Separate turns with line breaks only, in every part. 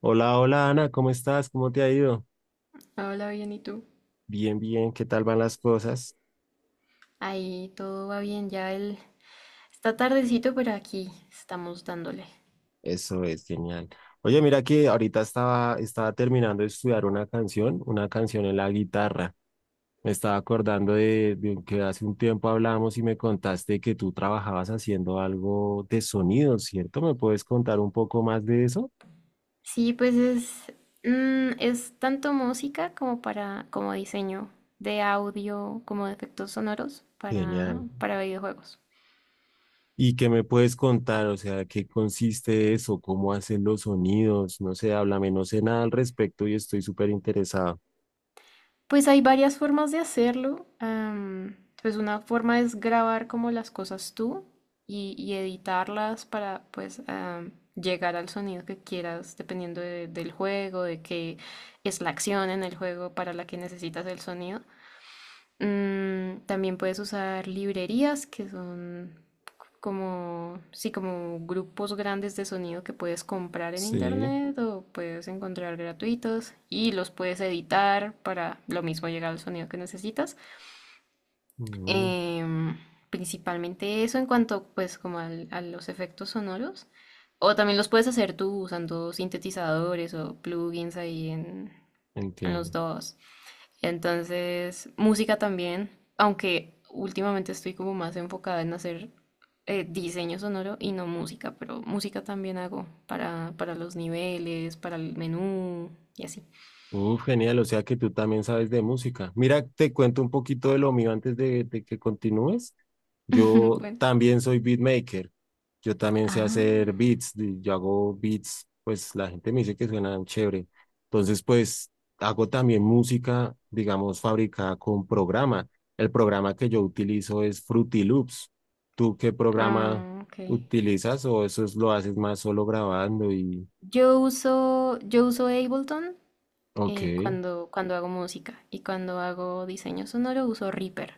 Hola, hola Ana, ¿cómo estás? ¿Cómo te ha ido?
Hola, bien, ¿y tú?
Bien, bien, ¿qué tal van las cosas?
Ahí todo va bien, ya el... Está tardecito, pero aquí estamos dándole.
Eso es genial. Oye, mira que ahorita estaba terminando de estudiar una canción en la guitarra. Me estaba acordando de que hace un tiempo hablamos y me contaste que tú trabajabas haciendo algo de sonido, ¿cierto? ¿Me puedes contar un poco más de eso?
Sí, pues es, es tanto música como como diseño de audio, como de efectos sonoros
Genial.
para videojuegos.
¿Y qué me puedes contar? O sea, ¿qué consiste eso? ¿Cómo hacen los sonidos? No sé, háblame, no sé nada al respecto y estoy súper interesado.
Pues hay varias formas de hacerlo. Pues una forma es grabar como las cosas tú y editarlas para pues llegar al sonido que quieras dependiendo del juego, de qué es la acción en el juego para la que necesitas el sonido. También puedes usar librerías, que son como, sí, como grupos grandes de sonido que puedes comprar en
Sí.
internet o puedes encontrar gratuitos y los puedes editar para lo mismo llegar al sonido que necesitas.
Mm,
Em, Principalmente eso en cuanto pues como a los efectos sonoros. O también los puedes hacer tú usando sintetizadores o plugins en los
entiendo.
dos. Entonces, música también, aunque últimamente estoy como más enfocada en hacer diseño sonoro y no música, pero música también hago para los niveles, para el menú y así.
Uf, genial, o sea que tú también sabes de música. Mira, te cuento un poquito de lo mío antes de que continúes. Yo
Bueno.
también soy beatmaker. Yo también sé
Ah,
hacer beats. Yo hago beats, pues la gente me dice que suenan chévere. Entonces, pues hago también música, digamos, fabricada con programa. El programa que yo utilizo es Fruity Loops. ¿Tú qué programa
ok.
utilizas o lo haces más solo grabando y...
Yo uso Ableton
Ok.
cuando hago música, y cuando hago diseño sonoro uso Reaper.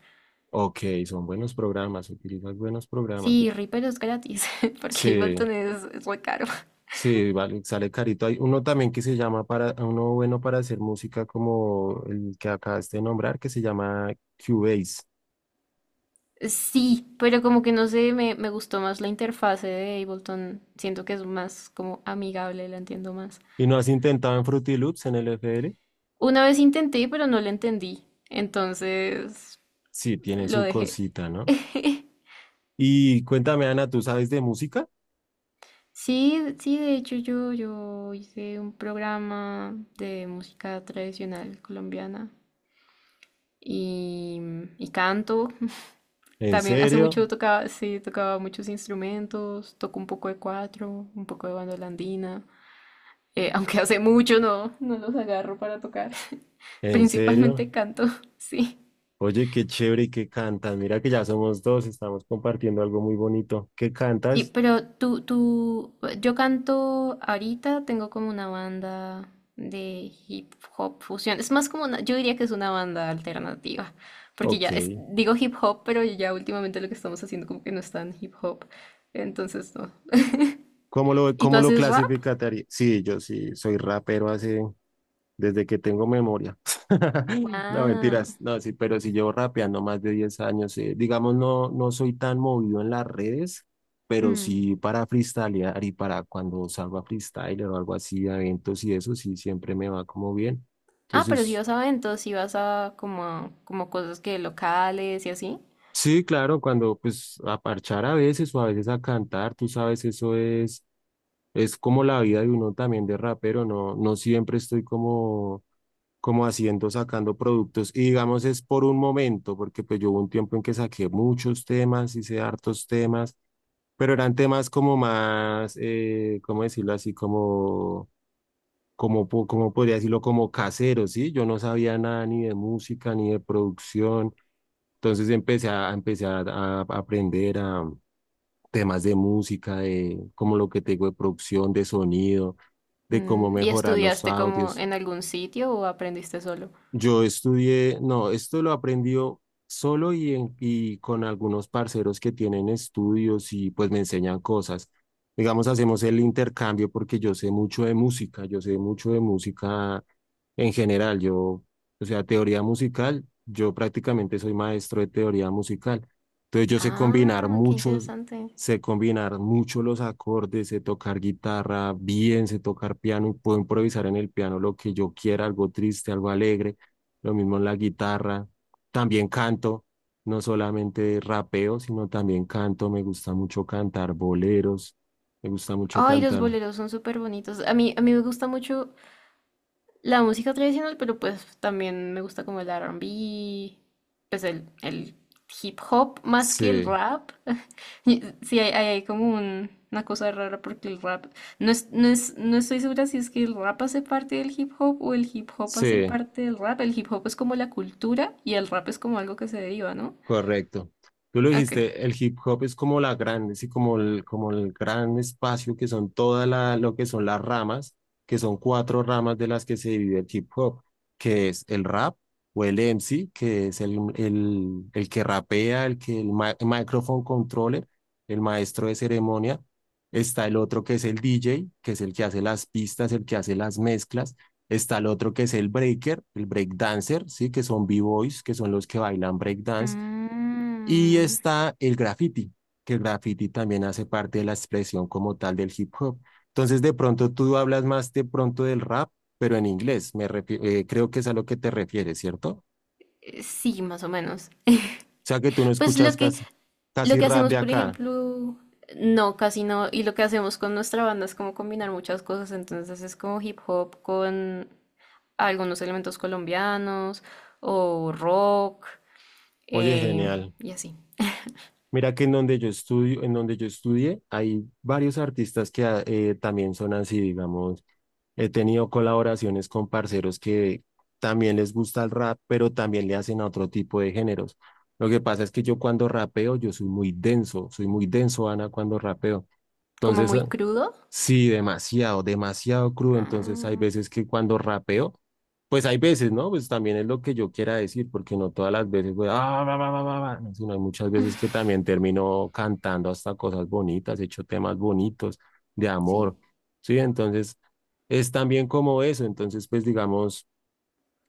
Ok, son buenos programas, utilizas buenos programas.
Sí, Reaper es gratis porque
Sí,
Ableton es muy caro.
sí, vale, sale carito. Hay uno también que se llama para, uno bueno para hacer música como el que acabaste de nombrar, que se llama Cubase.
Sí, pero como que no sé, me gustó más la interfase de Ableton. Siento que es más como amigable, la entiendo más.
¿Y no has intentado en Fruity Loops en el FL?
Una vez intenté, pero no la entendí. Entonces
Sí, tiene
lo
su
dejé.
cosita, ¿no? Y cuéntame, Ana, ¿tú sabes de música?
Sí, sí, de hecho yo hice un programa de música tradicional colombiana y, y canto.
¿En
También hace
serio?
mucho tocaba, sí, tocaba muchos instrumentos, toco un poco de cuatro, un poco de bandola andina. Eh, aunque hace mucho no los agarro para tocar.
¿En serio?
Principalmente canto, sí.
Oye, qué chévere y qué cantas. Mira que ya somos dos, estamos compartiendo algo muy bonito. ¿Qué
Sí,
cantas?
yo canto ahorita, tengo como una banda de hip hop fusión. Es más como una, yo diría que es una banda alternativa, porque
Ok.
digo hip hop, pero ya últimamente lo que estamos haciendo como que no es tan hip hop. Entonces, no. ¿Y tú
¿Cómo lo
haces rap?
clasificaría? Sí, yo sí soy rapero hace, desde que tengo memoria. No,
Wow.
mentiras, no, sí, pero si llevo rapeando más de 10 años. Digamos, no, no soy tan movido en las redes, pero sí para freestylear y para cuando salgo a freestyler o algo así, a eventos y eso, sí, siempre me va como bien.
Ah, pero si
Entonces,
vas a eventos, si vas a como, como cosas que locales y así.
sí, claro, cuando pues a parchar a veces o a veces a cantar, tú sabes, eso es como la vida de uno también de rapero, no, no siempre estoy como haciendo, sacando productos. Y digamos, es por un momento, porque pues yo hubo un tiempo en que saqué muchos temas, hice hartos temas, pero eran temas como más, ¿cómo decirlo así? Como, como podría decirlo, como caseros, ¿sí? Yo no sabía nada ni de música, ni de producción. Entonces a aprender a temas de música, de como lo que tengo de producción, de sonido, de cómo
Mm, ¿y
mejorar los
estudiaste como
audios.
en algún sitio o aprendiste solo?
Yo estudié, no, esto lo aprendió solo y con algunos parceros que tienen estudios y pues me enseñan cosas. Digamos, hacemos el intercambio porque yo sé mucho de música, yo sé mucho de música en general. Yo, o sea, teoría musical, yo prácticamente soy maestro de teoría musical. Entonces yo sé combinar
Ah, qué
muchos,
interesante.
Sé combinar mucho los acordes, sé tocar guitarra bien, sé tocar piano y puedo improvisar en el piano lo que yo quiera, algo triste, algo alegre, lo mismo en la guitarra, también canto, no solamente rapeo, sino también canto, me gusta mucho cantar boleros, me gusta mucho
Ay, los
cantar,
boleros son súper bonitos. A mí me gusta mucho la música tradicional, pero pues también me gusta como el R&B, pues el hip hop más que el
sí,
rap. Y sí, hay como una cosa rara porque el rap, no es, no es, no estoy segura si es que el rap hace parte del hip hop o el hip hop hace
sí,
parte del rap. El hip hop es como la cultura y el rap es como algo que se deriva, ¿no?
correcto. Tú lo
Ok.
dijiste, el hip hop es como la grande, sí, como como el gran espacio que son todas lo que son las ramas, que son cuatro ramas de las que se divide el hip hop, que es el rap o el MC, que es el que rapea, el microphone controller, el maestro de ceremonia. Está el otro que es el DJ, que es el que hace las pistas, el que hace las mezclas. Está el otro que es el breaker, el breakdancer, sí, que son b-boys, que son los que bailan breakdance y
Mm,
está el graffiti, que el graffiti también hace parte de la expresión como tal del hip hop. Entonces, de pronto tú hablas más de pronto del rap, pero en inglés. Creo que es a lo que te refieres, ¿cierto? O
sí, más o menos.
sea, que tú no
Pues lo
escuchas
que,
casi,
lo
casi
que
rap
hacemos,
de
por
acá.
ejemplo, no, casi no, y lo que hacemos con nuestra banda es como combinar muchas cosas, entonces es como hip hop con algunos elementos colombianos o rock,
Oye,
eh,
genial.
y así,
Mira que en donde yo estudio, en donde yo estudié, hay varios artistas que también son así, digamos. He tenido colaboraciones con parceros que también les gusta el rap, pero también le hacen a otro tipo de géneros. Lo que pasa es que yo cuando rapeo, yo soy muy denso, Ana, cuando rapeo.
como
Entonces,
muy
eh,
crudo.
Sí, demasiado, demasiado crudo. Entonces hay
Ah,
veces que cuando rapeo, pues hay veces, ¿no? Pues también es lo que yo quiera decir, porque no todas las veces, voy, ah, va va va va va no, sino hay muchas veces que también termino cantando hasta cosas bonitas, he hecho temas bonitos de
sí.
amor, ¿sí? Entonces es también como eso.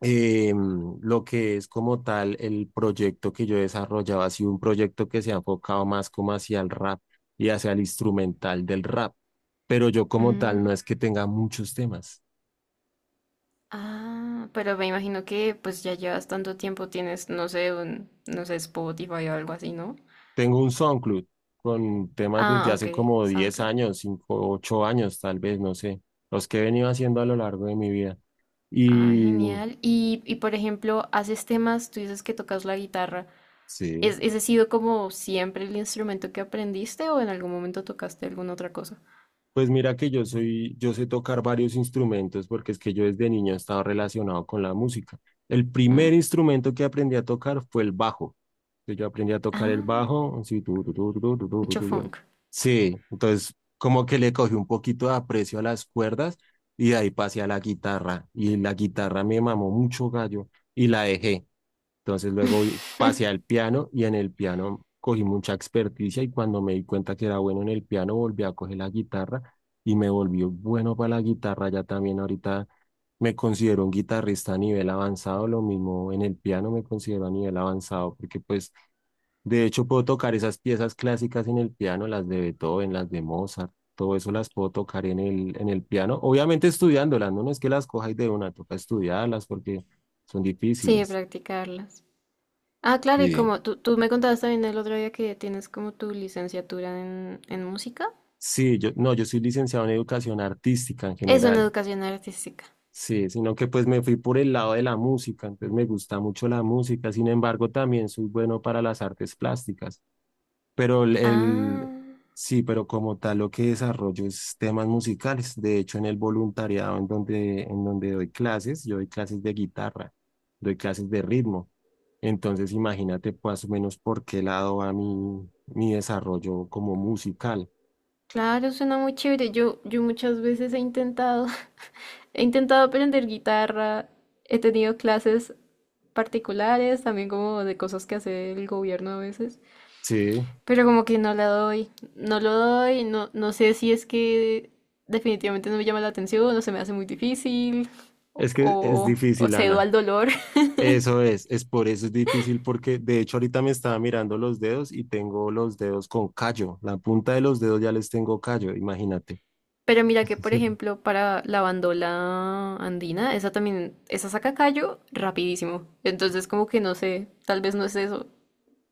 eh, lo que es como tal el proyecto que yo desarrollaba, ha sido un proyecto que se ha enfocado más como hacia el rap y hacia el instrumental del rap, pero yo como
Mm,
tal no es que tenga muchos temas.
ah, pero me imagino que pues ya llevas tanto tiempo, tienes, no sé, un, no sé, Spotify o algo así, ¿no?
Tengo un SoundCloud con temas desde
Ah, ok,
hace como 10
SoundCloud.
años, 5 8 años tal vez, no sé, los que he venido haciendo a lo largo de mi vida.
Ah,
Y
genial. Y por ejemplo, haces temas, tú dices que tocas la guitarra.
sí.
¿Ese ha sido como siempre el instrumento que aprendiste, o en algún momento tocaste alguna otra cosa?
Pues mira que yo soy, yo sé tocar varios instrumentos porque es que yo desde niño he estado relacionado con la música. El
Mm.
primer instrumento que aprendí a tocar fue el bajo. Entonces, yo aprendí a tocar el
Ah,
bajo, así, tu, tu, tu, tu, tu, tu, tu, tu,
mucho
tu, yo.
funk.
Sí, entonces como que le cogí un poquito de aprecio a las cuerdas y de ahí pasé a la guitarra. Y la guitarra me mamó mucho gallo y la dejé. Entonces pasé al piano y en el piano cogí mucha experticia y cuando me di cuenta que era bueno en el piano volví a coger la guitarra y me volví bueno para la guitarra. Ya también ahorita me considero un guitarrista a nivel avanzado, lo mismo en el piano me considero a nivel avanzado porque pues de hecho puedo tocar esas piezas clásicas en el piano, las de Beethoven, las de Mozart. Todo eso las puedo tocar en en el piano, obviamente estudiándolas, no, no es que las cojáis de una, toca estudiarlas porque son
Sí, de
difíciles.
practicarlas. Ah, claro, y
Sí.
como tú me contabas también el otro día que tienes como tu licenciatura en música.
Sí, yo, no, yo soy licenciado en educación artística en
Eso, en
general,
educación artística.
sí, sino que pues me fui por el lado de la música, entonces me gusta mucho la música, sin embargo también soy bueno para las artes plásticas, pero
Ah,
sí, pero como tal lo que desarrollo es temas musicales, de hecho en el voluntariado en donde doy clases, yo doy clases de guitarra, doy clases de ritmo, entonces imagínate pues, más o menos por qué lado va mi, mi desarrollo como musical,
claro, suena muy chévere. Yo muchas veces he intentado. He intentado aprender guitarra, he tenido clases particulares, también como de cosas que hace el gobierno a veces,
sí.
pero como que no la doy, no lo doy, no, no sé si es que definitivamente no me llama la atención, o se me hace muy difícil,
Es que es
o
difícil,
cedo
Ana.
al dolor.
Eso es por eso es difícil porque de hecho ahorita me estaba mirando los dedos y tengo los dedos con callo. La punta de los dedos ya les tengo callo, imagínate.
Pero mira que, por ejemplo, para la bandola andina, esa también, esa saca callo rapidísimo. Entonces como que no sé, tal vez no es eso.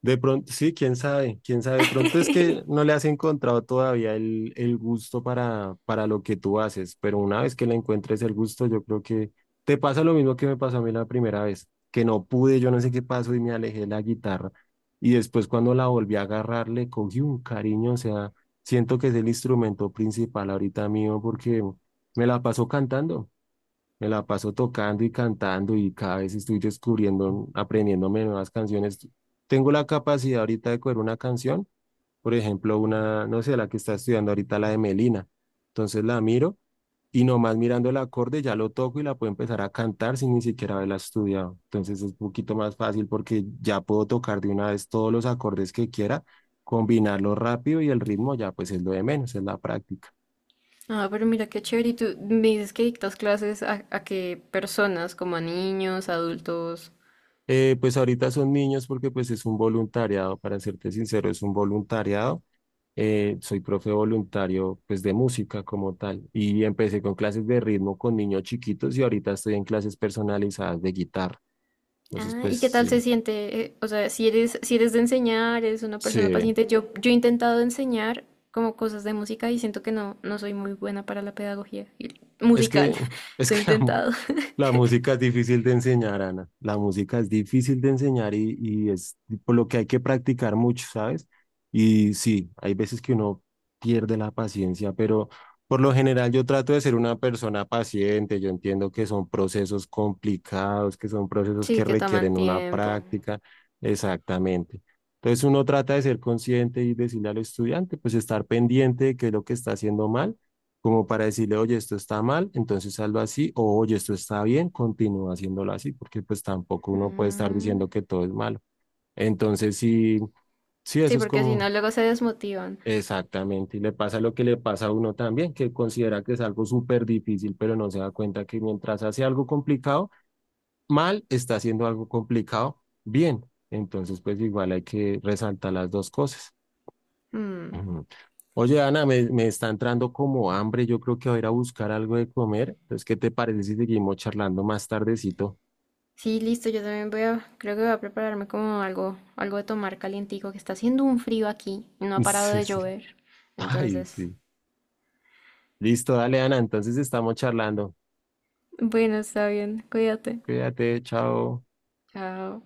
De pronto, sí, quién sabe, quién sabe. De pronto es que no le has encontrado todavía el gusto para lo que tú haces, pero una vez que le encuentres el gusto, yo creo que te pasa lo mismo que me pasó a mí la primera vez, que no pude, yo no sé qué pasó y me alejé de la guitarra. Y después cuando la volví a agarrar, le cogí un cariño, o sea, siento que es el instrumento principal ahorita mío porque me la paso cantando. Me la paso tocando y cantando y cada vez estoy descubriendo, aprendiéndome nuevas canciones. Tengo la capacidad ahorita de coger una canción, por ejemplo, una, no sé, la que está estudiando ahorita, la de Melina. Entonces la miro y nomás mirando el acorde ya lo toco y la puedo empezar a cantar sin ni siquiera haberla estudiado. Entonces es un poquito más fácil porque ya puedo tocar de una vez todos los acordes que quiera, combinarlo rápido y el ritmo ya pues es lo de menos, es la práctica.
Ah, pero mira qué chévere. ¿Y tú me dices que dictas clases a qué personas, como a niños, adultos?
Pues ahorita son niños porque pues es un voluntariado, para serte sincero, es un voluntariado. Soy profe voluntario pues de música como tal y empecé con clases de ritmo con niños chiquitos y ahorita estoy en clases personalizadas de guitarra. Entonces
Ah,
pues
¿y qué tal
sí,
se siente? O sea, si eres de enseñar, eres una persona
sí,
paciente. Yo he intentado enseñar como cosas de música y siento que no, no soy muy buena para la pedagogía
es que,
musical.
es
Lo
que
he
la mu-
intentado.
la música es difícil de enseñar, Ana. La música es difícil de enseñar y es por lo que hay que practicar mucho, ¿sabes? Y sí, hay veces que uno pierde la paciencia, pero por lo general yo trato de ser una persona paciente. Yo entiendo que son procesos complicados, que son procesos
Sí,
que
que toman
requieren una
tiempo.
práctica. Exactamente. Entonces uno trata de ser consciente y decirle al estudiante, pues estar pendiente de qué es lo que está haciendo mal como para decirle, oye, esto está mal, entonces hazlo así, o oye, esto está bien, continúa haciéndolo así, porque pues tampoco uno puede estar
Mm.
diciendo que todo es malo. Entonces, sí, sí, eso
Sí,
es
porque si
como
no, luego se desmotivan.
exactamente, y le pasa lo que le pasa a uno también, que considera que es algo súper difícil, pero no se da cuenta que mientras hace algo complicado, mal, está haciendo algo complicado, bien. Entonces, pues igual hay que resaltar las dos cosas.
Mm.
Oye, Ana, me está entrando como hambre. Yo creo que voy a ir a buscar algo de comer. Entonces, ¿qué te parece si seguimos charlando más tardecito?
Sí, listo, yo también voy a, creo que voy a prepararme como algo, algo de tomar calientico, que está haciendo un frío aquí y no ha parado
Sí,
de
sí.
llover.
Ay,
Entonces,
sí. Listo, dale, Ana. Entonces estamos charlando.
bueno, está bien, cuídate.
Cuídate, chao.
Chao.